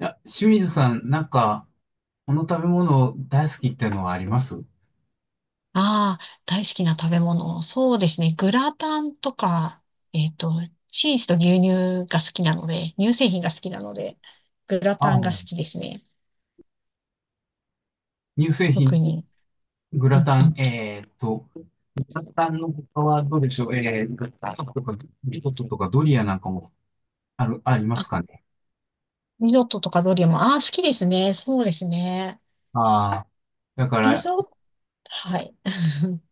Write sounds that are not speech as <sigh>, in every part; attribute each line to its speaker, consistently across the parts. Speaker 1: いや、清水さん、この食べ物大好きっていうのはあります。
Speaker 2: ああ、大好きな食べ物。そうですね。グラタンとか、えっと、チーズと牛乳が好きなので、乳製品が好きなので、グラ
Speaker 1: あ
Speaker 2: タン
Speaker 1: あ、
Speaker 2: が好きですね。
Speaker 1: 乳製品、
Speaker 2: 特に。
Speaker 1: グ
Speaker 2: う
Speaker 1: ラ
Speaker 2: ん
Speaker 1: タ
Speaker 2: う
Speaker 1: ン、
Speaker 2: ん。
Speaker 1: グラタンの他はどうでしょう。えー、グラタンとか、リゾットとかドリアなんかもありま
Speaker 2: あ、
Speaker 1: すかね。
Speaker 2: リゾットとかドリアも、ああ、好きですね。そうですね。
Speaker 1: ああ。だか
Speaker 2: リ
Speaker 1: ら、
Speaker 2: ゾット、はい。<laughs>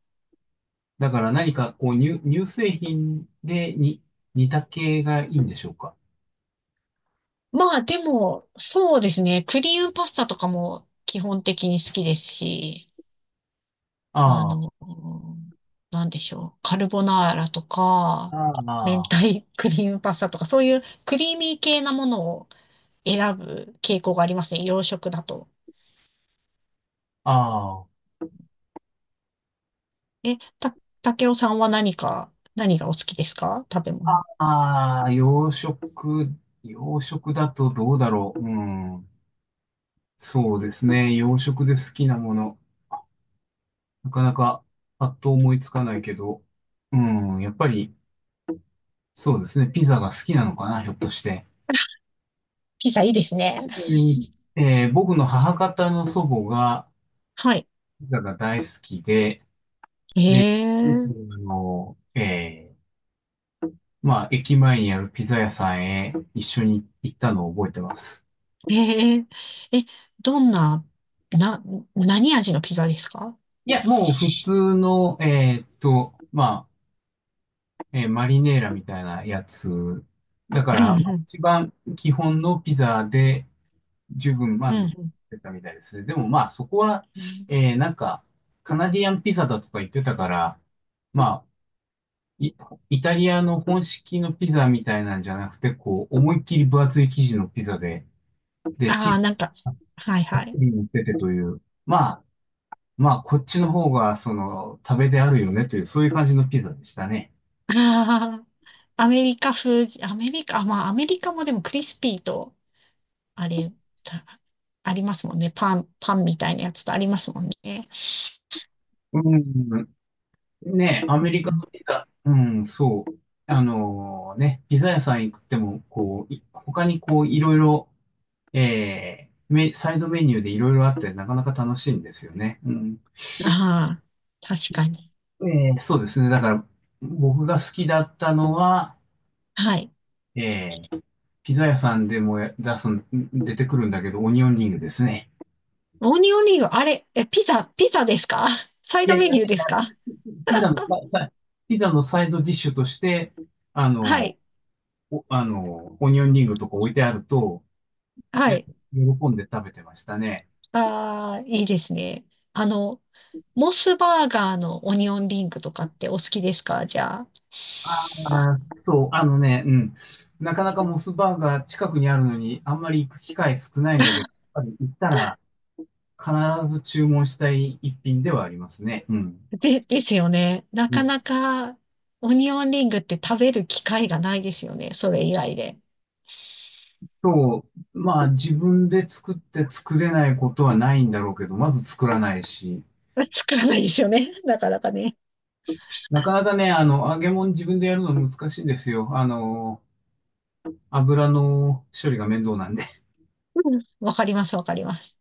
Speaker 1: だから何かこう乳製品でに似た系がいいんでしょうか。
Speaker 2: まあ、でも、そうですね。クリームパスタとかも基本的に好きですし、あ
Speaker 1: ああ、
Speaker 2: の、なんでしょう。カルボナーラとか、
Speaker 1: あ
Speaker 2: 明
Speaker 1: あ、
Speaker 2: 太クリームパスタとか、そういうクリーミー系なものを選ぶ傾向がありますね。洋食だと。
Speaker 1: あ
Speaker 2: え、た、竹雄さんは何か、何がお好きですか？食べ物。
Speaker 1: あ、洋食、洋食だとどうだろうん。そうですね。洋食で好きなもの。なかなかパッと思いつかないけど。うん、やっぱり、そうですね。ピザが好きなのかな、ひょっとして。
Speaker 2: <laughs> ピザいいですね。
Speaker 1: 僕の母方の祖母が
Speaker 2: はい。
Speaker 1: ピザが大好きで、
Speaker 2: え
Speaker 1: よ
Speaker 2: ー、
Speaker 1: くあの、えーまあ、駅前にあるピザ屋さんへ一緒に行ったのを覚えてます。
Speaker 2: えー、え、どんな、な、何味のピザですか？
Speaker 1: いや、もう普通の、マリネーラみたいなやつ。だか
Speaker 2: うん、う
Speaker 1: ら、まあ
Speaker 2: ん、
Speaker 1: 一番基本のピザで十分
Speaker 2: う
Speaker 1: 満足
Speaker 2: ん。
Speaker 1: してたみたいですね。でもまあそこは、えーなんか、カナディアンピザだとか言ってたから、まあ、イ、イタリアの本式のピザみたいなんじゃなくて、こう、思いっきり分厚い生地のピザで、で、
Speaker 2: ああ
Speaker 1: チ
Speaker 2: ー、なんか、はいは
Speaker 1: ー
Speaker 2: い。
Speaker 1: ズに乗っててという、まあ、まあ、こっちの方が、その、食べであるよねという、そういう感じのピザでしたね。
Speaker 2: <laughs> あー、アメリカ風、アメリカ、まあ、アメリカもでもクリスピーと、あれ、たありますもんね。パン、パンみたいなやつとありますもんね。
Speaker 1: うん。ね、ア
Speaker 2: う
Speaker 1: メリカ
Speaker 2: ん
Speaker 1: のピザ、うん、そう。あのね、ピザ屋さん行っても、こう、い他にこう、いろいろ、メサイドメニューでいろいろあって、なかなか楽しいんですよね。うん。
Speaker 2: うん、ああ、確かに。
Speaker 1: そうですね。だから、僕が好きだったのは、
Speaker 2: はい。
Speaker 1: えー、ピザ屋さんでもや出すん、出てくるんだけど、オニオンリングですね。
Speaker 2: オニオンリング、あれ、え、ピザ、ピザですか？サイ
Speaker 1: い
Speaker 2: ド
Speaker 1: やい
Speaker 2: メ
Speaker 1: や
Speaker 2: ニ
Speaker 1: い
Speaker 2: ューで
Speaker 1: や、
Speaker 2: すか？
Speaker 1: ピザのサさ、ピザのサイドディッシュとして、あ
Speaker 2: は
Speaker 1: の、
Speaker 2: い、
Speaker 1: あの、オニオンリングとか置いてあると、
Speaker 2: は
Speaker 1: ね、
Speaker 2: い。
Speaker 1: 喜んで食べてましたね。
Speaker 2: ああ、いいですね。あの、モスバーガーのオニオンリングとかってお好きですかじゃあ。
Speaker 1: ああ、そう、あのね、うん。なかなかモスバーガー近くにあるのに、あんまり行く機会少ないんだけ
Speaker 2: <laughs>
Speaker 1: ど、やっぱり行ったら必ず注文したい一品ではありますね。うん。
Speaker 2: で、ですよね。な
Speaker 1: う
Speaker 2: か
Speaker 1: ん
Speaker 2: なか、オニオンリングって食べる機会がないですよね。それ以外で。
Speaker 1: そう、まあ自分で作って作れないことはないんだろうけど、まず作らないし、
Speaker 2: <laughs> 作らないですよね。<laughs> なかなかね。
Speaker 1: なかなかね、あの、揚げ物自分でやるの難しいんですよ。あの、油の処理が面倒なんで。
Speaker 2: うん、わかります、わかります。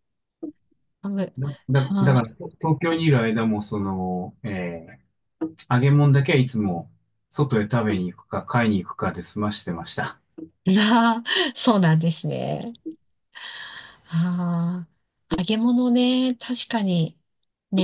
Speaker 2: あぶ、
Speaker 1: だ、だ、だか
Speaker 2: ま
Speaker 1: ら東京にいる間も、その、ー揚げ物だけはいつも外へ食べに行くか買いに行くかで済ましてました。
Speaker 2: あ、なあ、そうなんですね。ああ、揚げ物ね、確かに、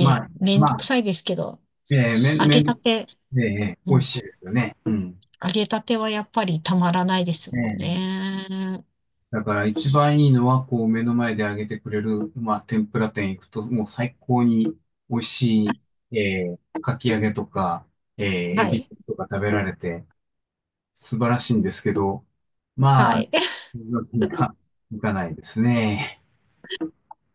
Speaker 1: まあ、
Speaker 2: めん
Speaker 1: ま
Speaker 2: ど
Speaker 1: あ、
Speaker 2: くさいですけど、
Speaker 1: えー、めん、
Speaker 2: 揚
Speaker 1: め
Speaker 2: げ
Speaker 1: ん、
Speaker 2: たて、
Speaker 1: えー、
Speaker 2: う
Speaker 1: 美味
Speaker 2: ん、
Speaker 1: しいですよね。うん。
Speaker 2: 揚げたてはやっぱりたまらないですもん
Speaker 1: ええ、
Speaker 2: ね。
Speaker 1: だから一番いいのは、こう目の前で揚げてくれる、まあ、天ぷら店行くと、もう最高に美味しい、かき揚げとか、えー、エ
Speaker 2: は
Speaker 1: ビ
Speaker 2: い、
Speaker 1: とか食べられて、素晴らしいんですけど、
Speaker 2: は
Speaker 1: まあ、
Speaker 2: い。
Speaker 1: みんな、行かないですね。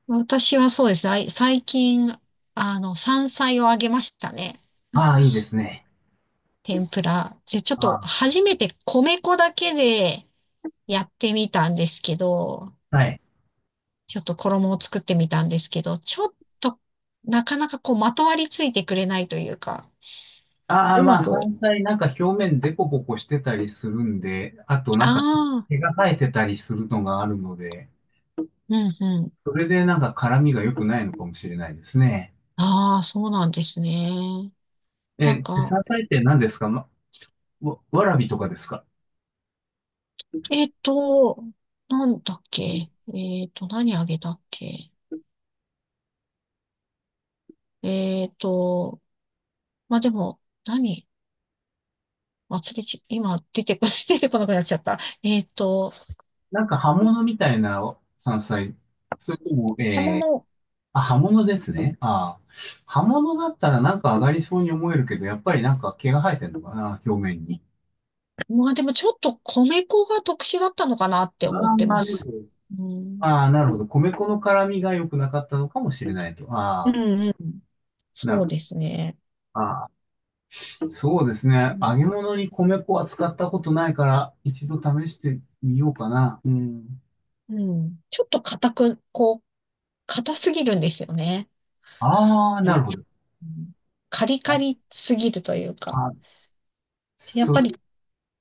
Speaker 2: 私はそうですね。最近、あの、山菜をあげましたね。
Speaker 1: ああ、いいですね。
Speaker 2: 天ぷら。で、ちょっ
Speaker 1: あ
Speaker 2: と
Speaker 1: あ、
Speaker 2: 初めて米粉だけでやってみたんですけど、
Speaker 1: はい。
Speaker 2: ちょっと衣を作ってみたんですけど、ちょっとなかなかこうまとわりついてくれないというか、
Speaker 1: ああ、
Speaker 2: う
Speaker 1: ま
Speaker 2: ま
Speaker 1: あ、山
Speaker 2: く、
Speaker 1: 菜なんか表面デコボコしてたりするんで、あとなんか
Speaker 2: ああ、
Speaker 1: 毛が生えてたりするのがあるので、
Speaker 2: うんうん。
Speaker 1: それでなんか辛みが良くないのかもしれないですね。
Speaker 2: ああ、そうなんですね。なん
Speaker 1: え、
Speaker 2: か、
Speaker 1: 山菜って何ですかま、わらびとかですか。
Speaker 2: えっと、なんだっけ。えっと、何あげたっけ。えっと、まあでも、何忘れち、今出てこ、<laughs> 出てこなくなっちゃった。えっと、
Speaker 1: なんか葉物みたいな山菜。それとも、
Speaker 2: 釜の、
Speaker 1: あ、葉物ですね。ああ。葉物だったらなんか上がりそうに思えるけど、やっぱりなんか毛が生えてるのかな、表面に。
Speaker 2: まあでもちょっと米粉が特殊だったのかなって思って
Speaker 1: あ
Speaker 2: ま
Speaker 1: あ、で
Speaker 2: す。
Speaker 1: も、
Speaker 2: うん。
Speaker 1: ああ、なるほど。米粉の辛みが良くなかったのかもしれないと。
Speaker 2: うん
Speaker 1: ああ、
Speaker 2: うん。
Speaker 1: な
Speaker 2: そう
Speaker 1: るほど。
Speaker 2: ですね。
Speaker 1: ああ、そうです
Speaker 2: う
Speaker 1: ね。
Speaker 2: ん。
Speaker 1: 揚げ物に米粉は使ったことないから、一度試してみようかな。うん。
Speaker 2: うん、ちょっと硬く、こう、硬すぎるんですよね。
Speaker 1: ああ、
Speaker 2: いや、
Speaker 1: なるほ
Speaker 2: う
Speaker 1: ど。
Speaker 2: ん、カリカ
Speaker 1: あ
Speaker 2: リすぎるというか。
Speaker 1: あ、
Speaker 2: やっ
Speaker 1: そ
Speaker 2: ぱり、
Speaker 1: れ、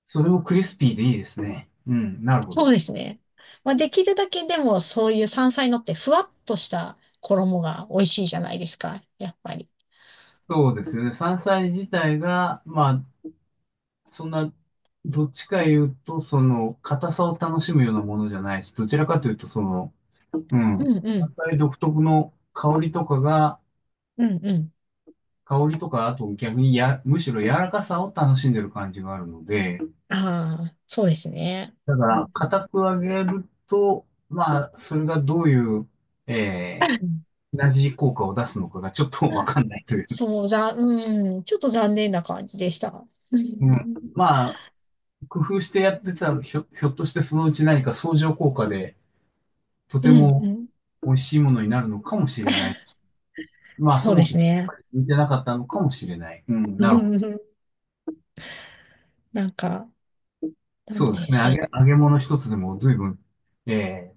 Speaker 1: それをクリスピーでいいですね。うん、なるほど。
Speaker 2: そうですね。まあできるだけでもそういう山菜のってふわっとした衣が美味しいじゃないですか。やっぱり。
Speaker 1: そうですよね。山菜自体が、まあ、そんな、どっちか言うと、その、硬さを楽しむようなものじゃないし、どちらかというと、その、う
Speaker 2: う
Speaker 1: ん、
Speaker 2: んう
Speaker 1: 山
Speaker 2: ん
Speaker 1: 菜独特の香りとかが、
Speaker 2: うんうん。
Speaker 1: 香りとか、あと逆にや、むしろ柔らかさを楽しんでる感じがあるので、
Speaker 2: ああ、そうですね。
Speaker 1: だか
Speaker 2: う
Speaker 1: ら、
Speaker 2: んうん
Speaker 1: 硬く揚げると、まあ、それがどういう、え
Speaker 2: <laughs>
Speaker 1: 同じ効果を出すのかがちょっとわかんないという。
Speaker 2: そう、うん、ちょっと残念な感じでした。う
Speaker 1: うん。
Speaker 2: ん、
Speaker 1: まあ、工夫してやってたら、ひょっとしてそのうち何か相乗効果で、と
Speaker 2: う
Speaker 1: て
Speaker 2: ん、
Speaker 1: も
Speaker 2: うん、
Speaker 1: 美味しいものになるのかもしれない。まあ、そ
Speaker 2: そう
Speaker 1: も
Speaker 2: で
Speaker 1: そも
Speaker 2: す
Speaker 1: やっぱ
Speaker 2: ね。
Speaker 1: り似てなかったのかもしれない。うん、
Speaker 2: <laughs> う
Speaker 1: なるほど。
Speaker 2: ん、なんか、なん
Speaker 1: そうです
Speaker 2: で、
Speaker 1: ね。
Speaker 2: そう、
Speaker 1: 揚げ物一つでも随分、えー、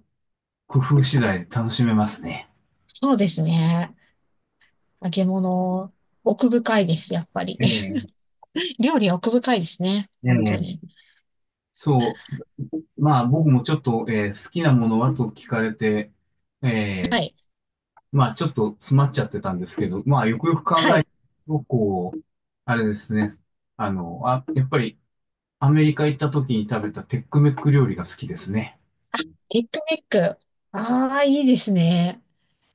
Speaker 1: 工夫次第で楽しめますね。
Speaker 2: そうですね。揚げ物、奥深いです、やっぱり。
Speaker 1: ええ、
Speaker 2: <laughs> 料理は奥深いですね。本
Speaker 1: う
Speaker 2: 当
Speaker 1: ん、
Speaker 2: に。
Speaker 1: そう。まあ僕もちょっと、好きなものはと聞かれて、え
Speaker 2: は
Speaker 1: え、
Speaker 2: い。
Speaker 1: まあちょっと詰まっちゃってたんですけど、まあよくよく考
Speaker 2: は
Speaker 1: え
Speaker 2: い。
Speaker 1: ると、こう、あれですね。あの、あ、やっぱりアメリカ行った時に食べたテックメック料理が好きですね。
Speaker 2: エッグメック。ああ、いいですね。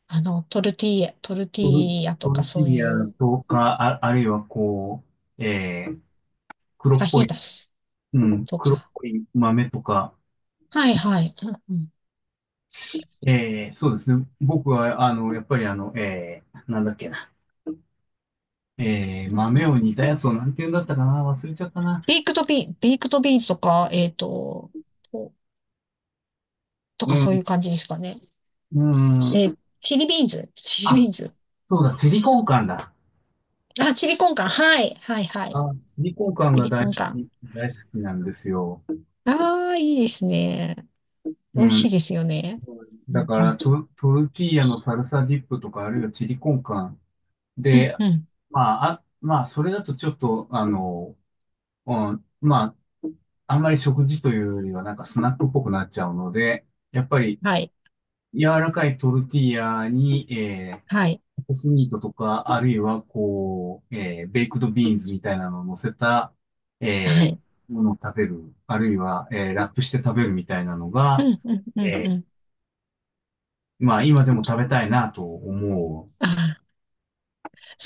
Speaker 2: トルティーヤ、トルティ
Speaker 1: トル、
Speaker 2: ーヤ
Speaker 1: ト
Speaker 2: とか
Speaker 1: ルテ
Speaker 2: そ
Speaker 1: ィ
Speaker 2: う
Speaker 1: ーヤ
Speaker 2: いう、
Speaker 1: とか、あ、あるいはこう、黒
Speaker 2: ファ
Speaker 1: っ
Speaker 2: ヒ
Speaker 1: ぽ
Speaker 2: ー
Speaker 1: い、
Speaker 2: タス
Speaker 1: うん、
Speaker 2: と
Speaker 1: 黒っ
Speaker 2: か。
Speaker 1: ぽい豆とか、
Speaker 2: はいはい。うん
Speaker 1: そうですね。僕は、あの、やっぱりあの、なんだっけな。
Speaker 2: うんう
Speaker 1: 豆
Speaker 2: ん、
Speaker 1: を煮たやつをなんて言うんだったかな忘れちゃったな。
Speaker 2: ベイクドビー、ベイクドビーンズとか、えっと、ととか
Speaker 1: う
Speaker 2: そうい
Speaker 1: ん、
Speaker 2: う感じですかね。
Speaker 1: う
Speaker 2: えー、
Speaker 1: ん。
Speaker 2: チリビーンズ、チリビ
Speaker 1: あ、
Speaker 2: ーンズ。
Speaker 1: そうだ、チリコンカンだ。
Speaker 2: あ、チリコンカン。はい、はい、はい。
Speaker 1: あ、チリコンカン
Speaker 2: チ
Speaker 1: が
Speaker 2: リ
Speaker 1: 大
Speaker 2: コ
Speaker 1: 好
Speaker 2: ンカン。
Speaker 1: き、大好きなんですよ。
Speaker 2: ああ、いいですね。
Speaker 1: う
Speaker 2: 美味し
Speaker 1: ん。
Speaker 2: いですよね。う
Speaker 1: だ
Speaker 2: ん
Speaker 1: か
Speaker 2: う
Speaker 1: ら、
Speaker 2: ん。
Speaker 1: トルティーヤのサルサディップとか、あるいはチリコンカン
Speaker 2: うん
Speaker 1: で、
Speaker 2: うん。
Speaker 1: まあ、あ、まあ、それだとちょっと、あの、うん、まあ、あんまり食事というよりは、なんかスナックっぽくなっちゃうので、やっぱり、
Speaker 2: はい、
Speaker 1: 柔らかいトルティーヤに、
Speaker 2: はい、
Speaker 1: コスミートとか、あるいは、こう、ベイクドビーンズみたいなのを乗せた、
Speaker 2: は
Speaker 1: え
Speaker 2: い。
Speaker 1: ものを食べる、あるいは、ラップして食べるみたいなの
Speaker 2: う
Speaker 1: が、
Speaker 2: んうんうんう
Speaker 1: え
Speaker 2: ん。
Speaker 1: まあ、今でも食べたいなと思
Speaker 2: ああ、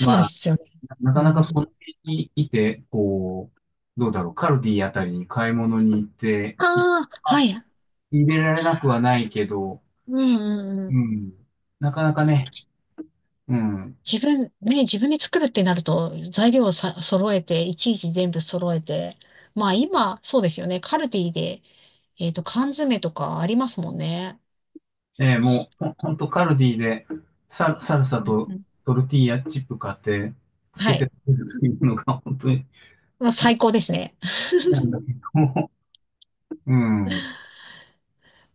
Speaker 1: う。
Speaker 2: う
Speaker 1: ま
Speaker 2: で
Speaker 1: あ、
Speaker 2: すよね。
Speaker 1: な
Speaker 2: う
Speaker 1: かなかこ
Speaker 2: ん、
Speaker 1: の辺にいて、こう、どうだろう、カルディあたりに買い物に行って、
Speaker 2: ああ、はい。
Speaker 1: 入れられなくはないけど、
Speaker 2: うんうんう
Speaker 1: う
Speaker 2: ん。
Speaker 1: ん。なかなかね、うん。
Speaker 2: 自分、ね、自分で作るってなると、材料をさ、揃えて、いちいち全部揃えて、まあ今、そうですよね。カルディで、えっと、缶詰とかありますもんね。
Speaker 1: もう、ほほんとカルディでサルサ
Speaker 2: うんう
Speaker 1: と
Speaker 2: ん。
Speaker 1: トルティーヤチップ買って、つ
Speaker 2: は
Speaker 1: けて食
Speaker 2: い。
Speaker 1: べるのが本当に好
Speaker 2: まあ
Speaker 1: き
Speaker 2: 最高ですね。<laughs>
Speaker 1: なんだけども、うん。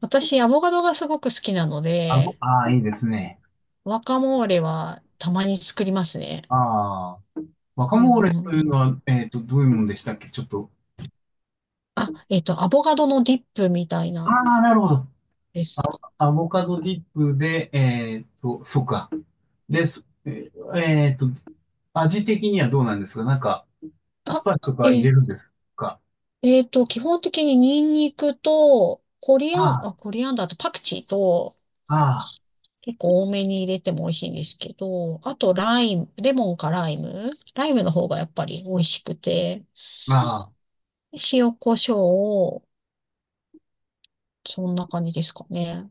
Speaker 2: 私、アボカドがすごく好きなの
Speaker 1: あの、
Speaker 2: で、
Speaker 1: ああ、いいですね。
Speaker 2: ワカモーレはたまに作りますね。
Speaker 1: ああ、ワカ
Speaker 2: う
Speaker 1: モー
Speaker 2: んう
Speaker 1: レ
Speaker 2: んう
Speaker 1: というの
Speaker 2: ん。
Speaker 1: は、えっと、どういうもんでしたっけちょっと。
Speaker 2: あ、えっと、アボカドのディップみたい
Speaker 1: あ
Speaker 2: な
Speaker 1: あ、なるほど。
Speaker 2: です。
Speaker 1: アボカドディップで、えっと、そうか。で、えっと、味的にはどうなんですかなんか、ス
Speaker 2: あ、
Speaker 1: パイスと
Speaker 2: え
Speaker 1: か入れ
Speaker 2: ー、
Speaker 1: るんですか。
Speaker 2: えっと、基本的にニンニクと、
Speaker 1: あ
Speaker 2: コリアンダーとパクチーと、
Speaker 1: あ、あ
Speaker 2: 結構多めに入れても美味しいんですけど、あとライム、レモンかライム、ライムの方がやっぱり美味しくて、
Speaker 1: あ、ああ。
Speaker 2: 塩コショウを、そんな感じですかね。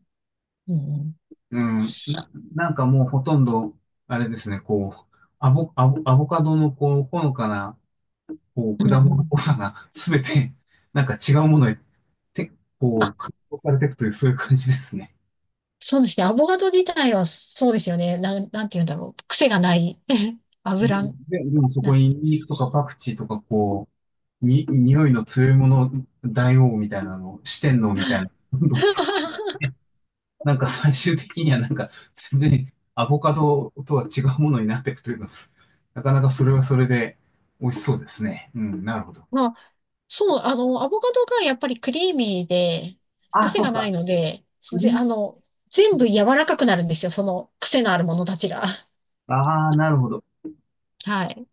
Speaker 2: うん、
Speaker 1: うん、なんかもうほとんど、あれですね、こう、アボカドのこう、ほのかな、こう、
Speaker 2: うん。う
Speaker 1: 果
Speaker 2: んう
Speaker 1: 物っ
Speaker 2: ん。
Speaker 1: ぽさが <laughs>、すべて、なんか違うものへ、て、こう、
Speaker 2: あ、
Speaker 1: 加工されていくという、そういう感じですね。
Speaker 2: そうですね。アボカド自体はそうですよね。なんて言うんだろう。癖がない。<laughs>
Speaker 1: で、
Speaker 2: 油、
Speaker 1: でもそこ
Speaker 2: な、
Speaker 1: にニンニクとかパクチーとか、こう、に、匂いの強いもの、大王みたいなの、四天王みたいな、どんどん
Speaker 2: <laughs>
Speaker 1: なんか最終的にはなんか全然アボカドとは違うものになっていくというか、すなかなかそれはそれで美味しそうですね。うん、なるほど。
Speaker 2: まあ、そう、アボカドがやっぱりクリーミーで、
Speaker 1: ああ、
Speaker 2: 癖
Speaker 1: そう
Speaker 2: がな
Speaker 1: か。
Speaker 2: いので、
Speaker 1: クリ
Speaker 2: あの、
Speaker 1: ー
Speaker 2: 全部
Speaker 1: ム。
Speaker 2: 柔らかくなるんですよ。その癖のあるものたちが。
Speaker 1: ああ、なるほど。
Speaker 2: はい。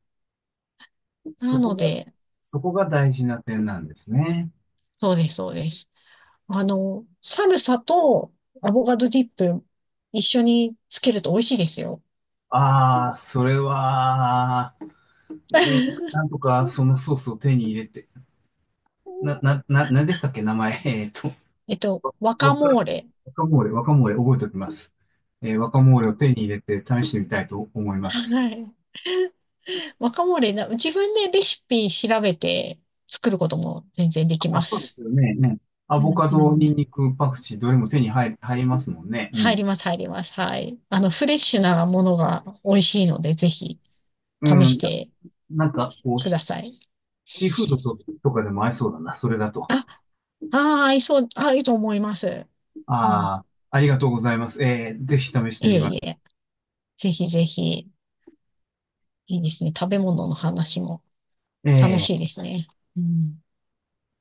Speaker 1: そ
Speaker 2: な
Speaker 1: こ
Speaker 2: の
Speaker 1: が、
Speaker 2: で、
Speaker 1: そこが大事な点なんですね。
Speaker 2: そうです、そうです。サルサとアボカドディップ一緒につけると美味しいですよ。
Speaker 1: ああ、それは、うん、な
Speaker 2: <laughs>
Speaker 1: んとかそのソースを手に入れて、なんでしたっけ、名前。えっと、
Speaker 2: えっと、ワカ
Speaker 1: わか、
Speaker 2: モーレ。
Speaker 1: 若モーレ、若モーレ覚えておきます。えー、若モーレを手に入れて試してみたいと思います。
Speaker 2: はい。ワカモーレな、自分でレシピ調べて作ることも全然で
Speaker 1: あ、
Speaker 2: きま
Speaker 1: そうで
Speaker 2: す。
Speaker 1: すよね。ね。ア
Speaker 2: う
Speaker 1: ボ
Speaker 2: ん
Speaker 1: カ
Speaker 2: う
Speaker 1: ド、ニン
Speaker 2: ん。
Speaker 1: ニク、パクチー、どれも手に入、入りますもんね。う
Speaker 2: 入
Speaker 1: ん。
Speaker 2: ります、入ります。はい。あの、フレッシュなものが美味しいので、ぜひ試
Speaker 1: う
Speaker 2: し
Speaker 1: ん。
Speaker 2: て
Speaker 1: なんか、こう、
Speaker 2: ください。
Speaker 1: シーフードと、とかでも合いそうだな。それだと。
Speaker 2: あ、ああ、合いそう、合うと思います。うん。
Speaker 1: ああ、ありがとうございます。えー、ぜひ試して
Speaker 2: いえ
Speaker 1: みま
Speaker 2: い
Speaker 1: す。
Speaker 2: え。ぜひぜひ、いいですね。食べ物の話も楽
Speaker 1: え
Speaker 2: しい
Speaker 1: え
Speaker 2: ですね。うん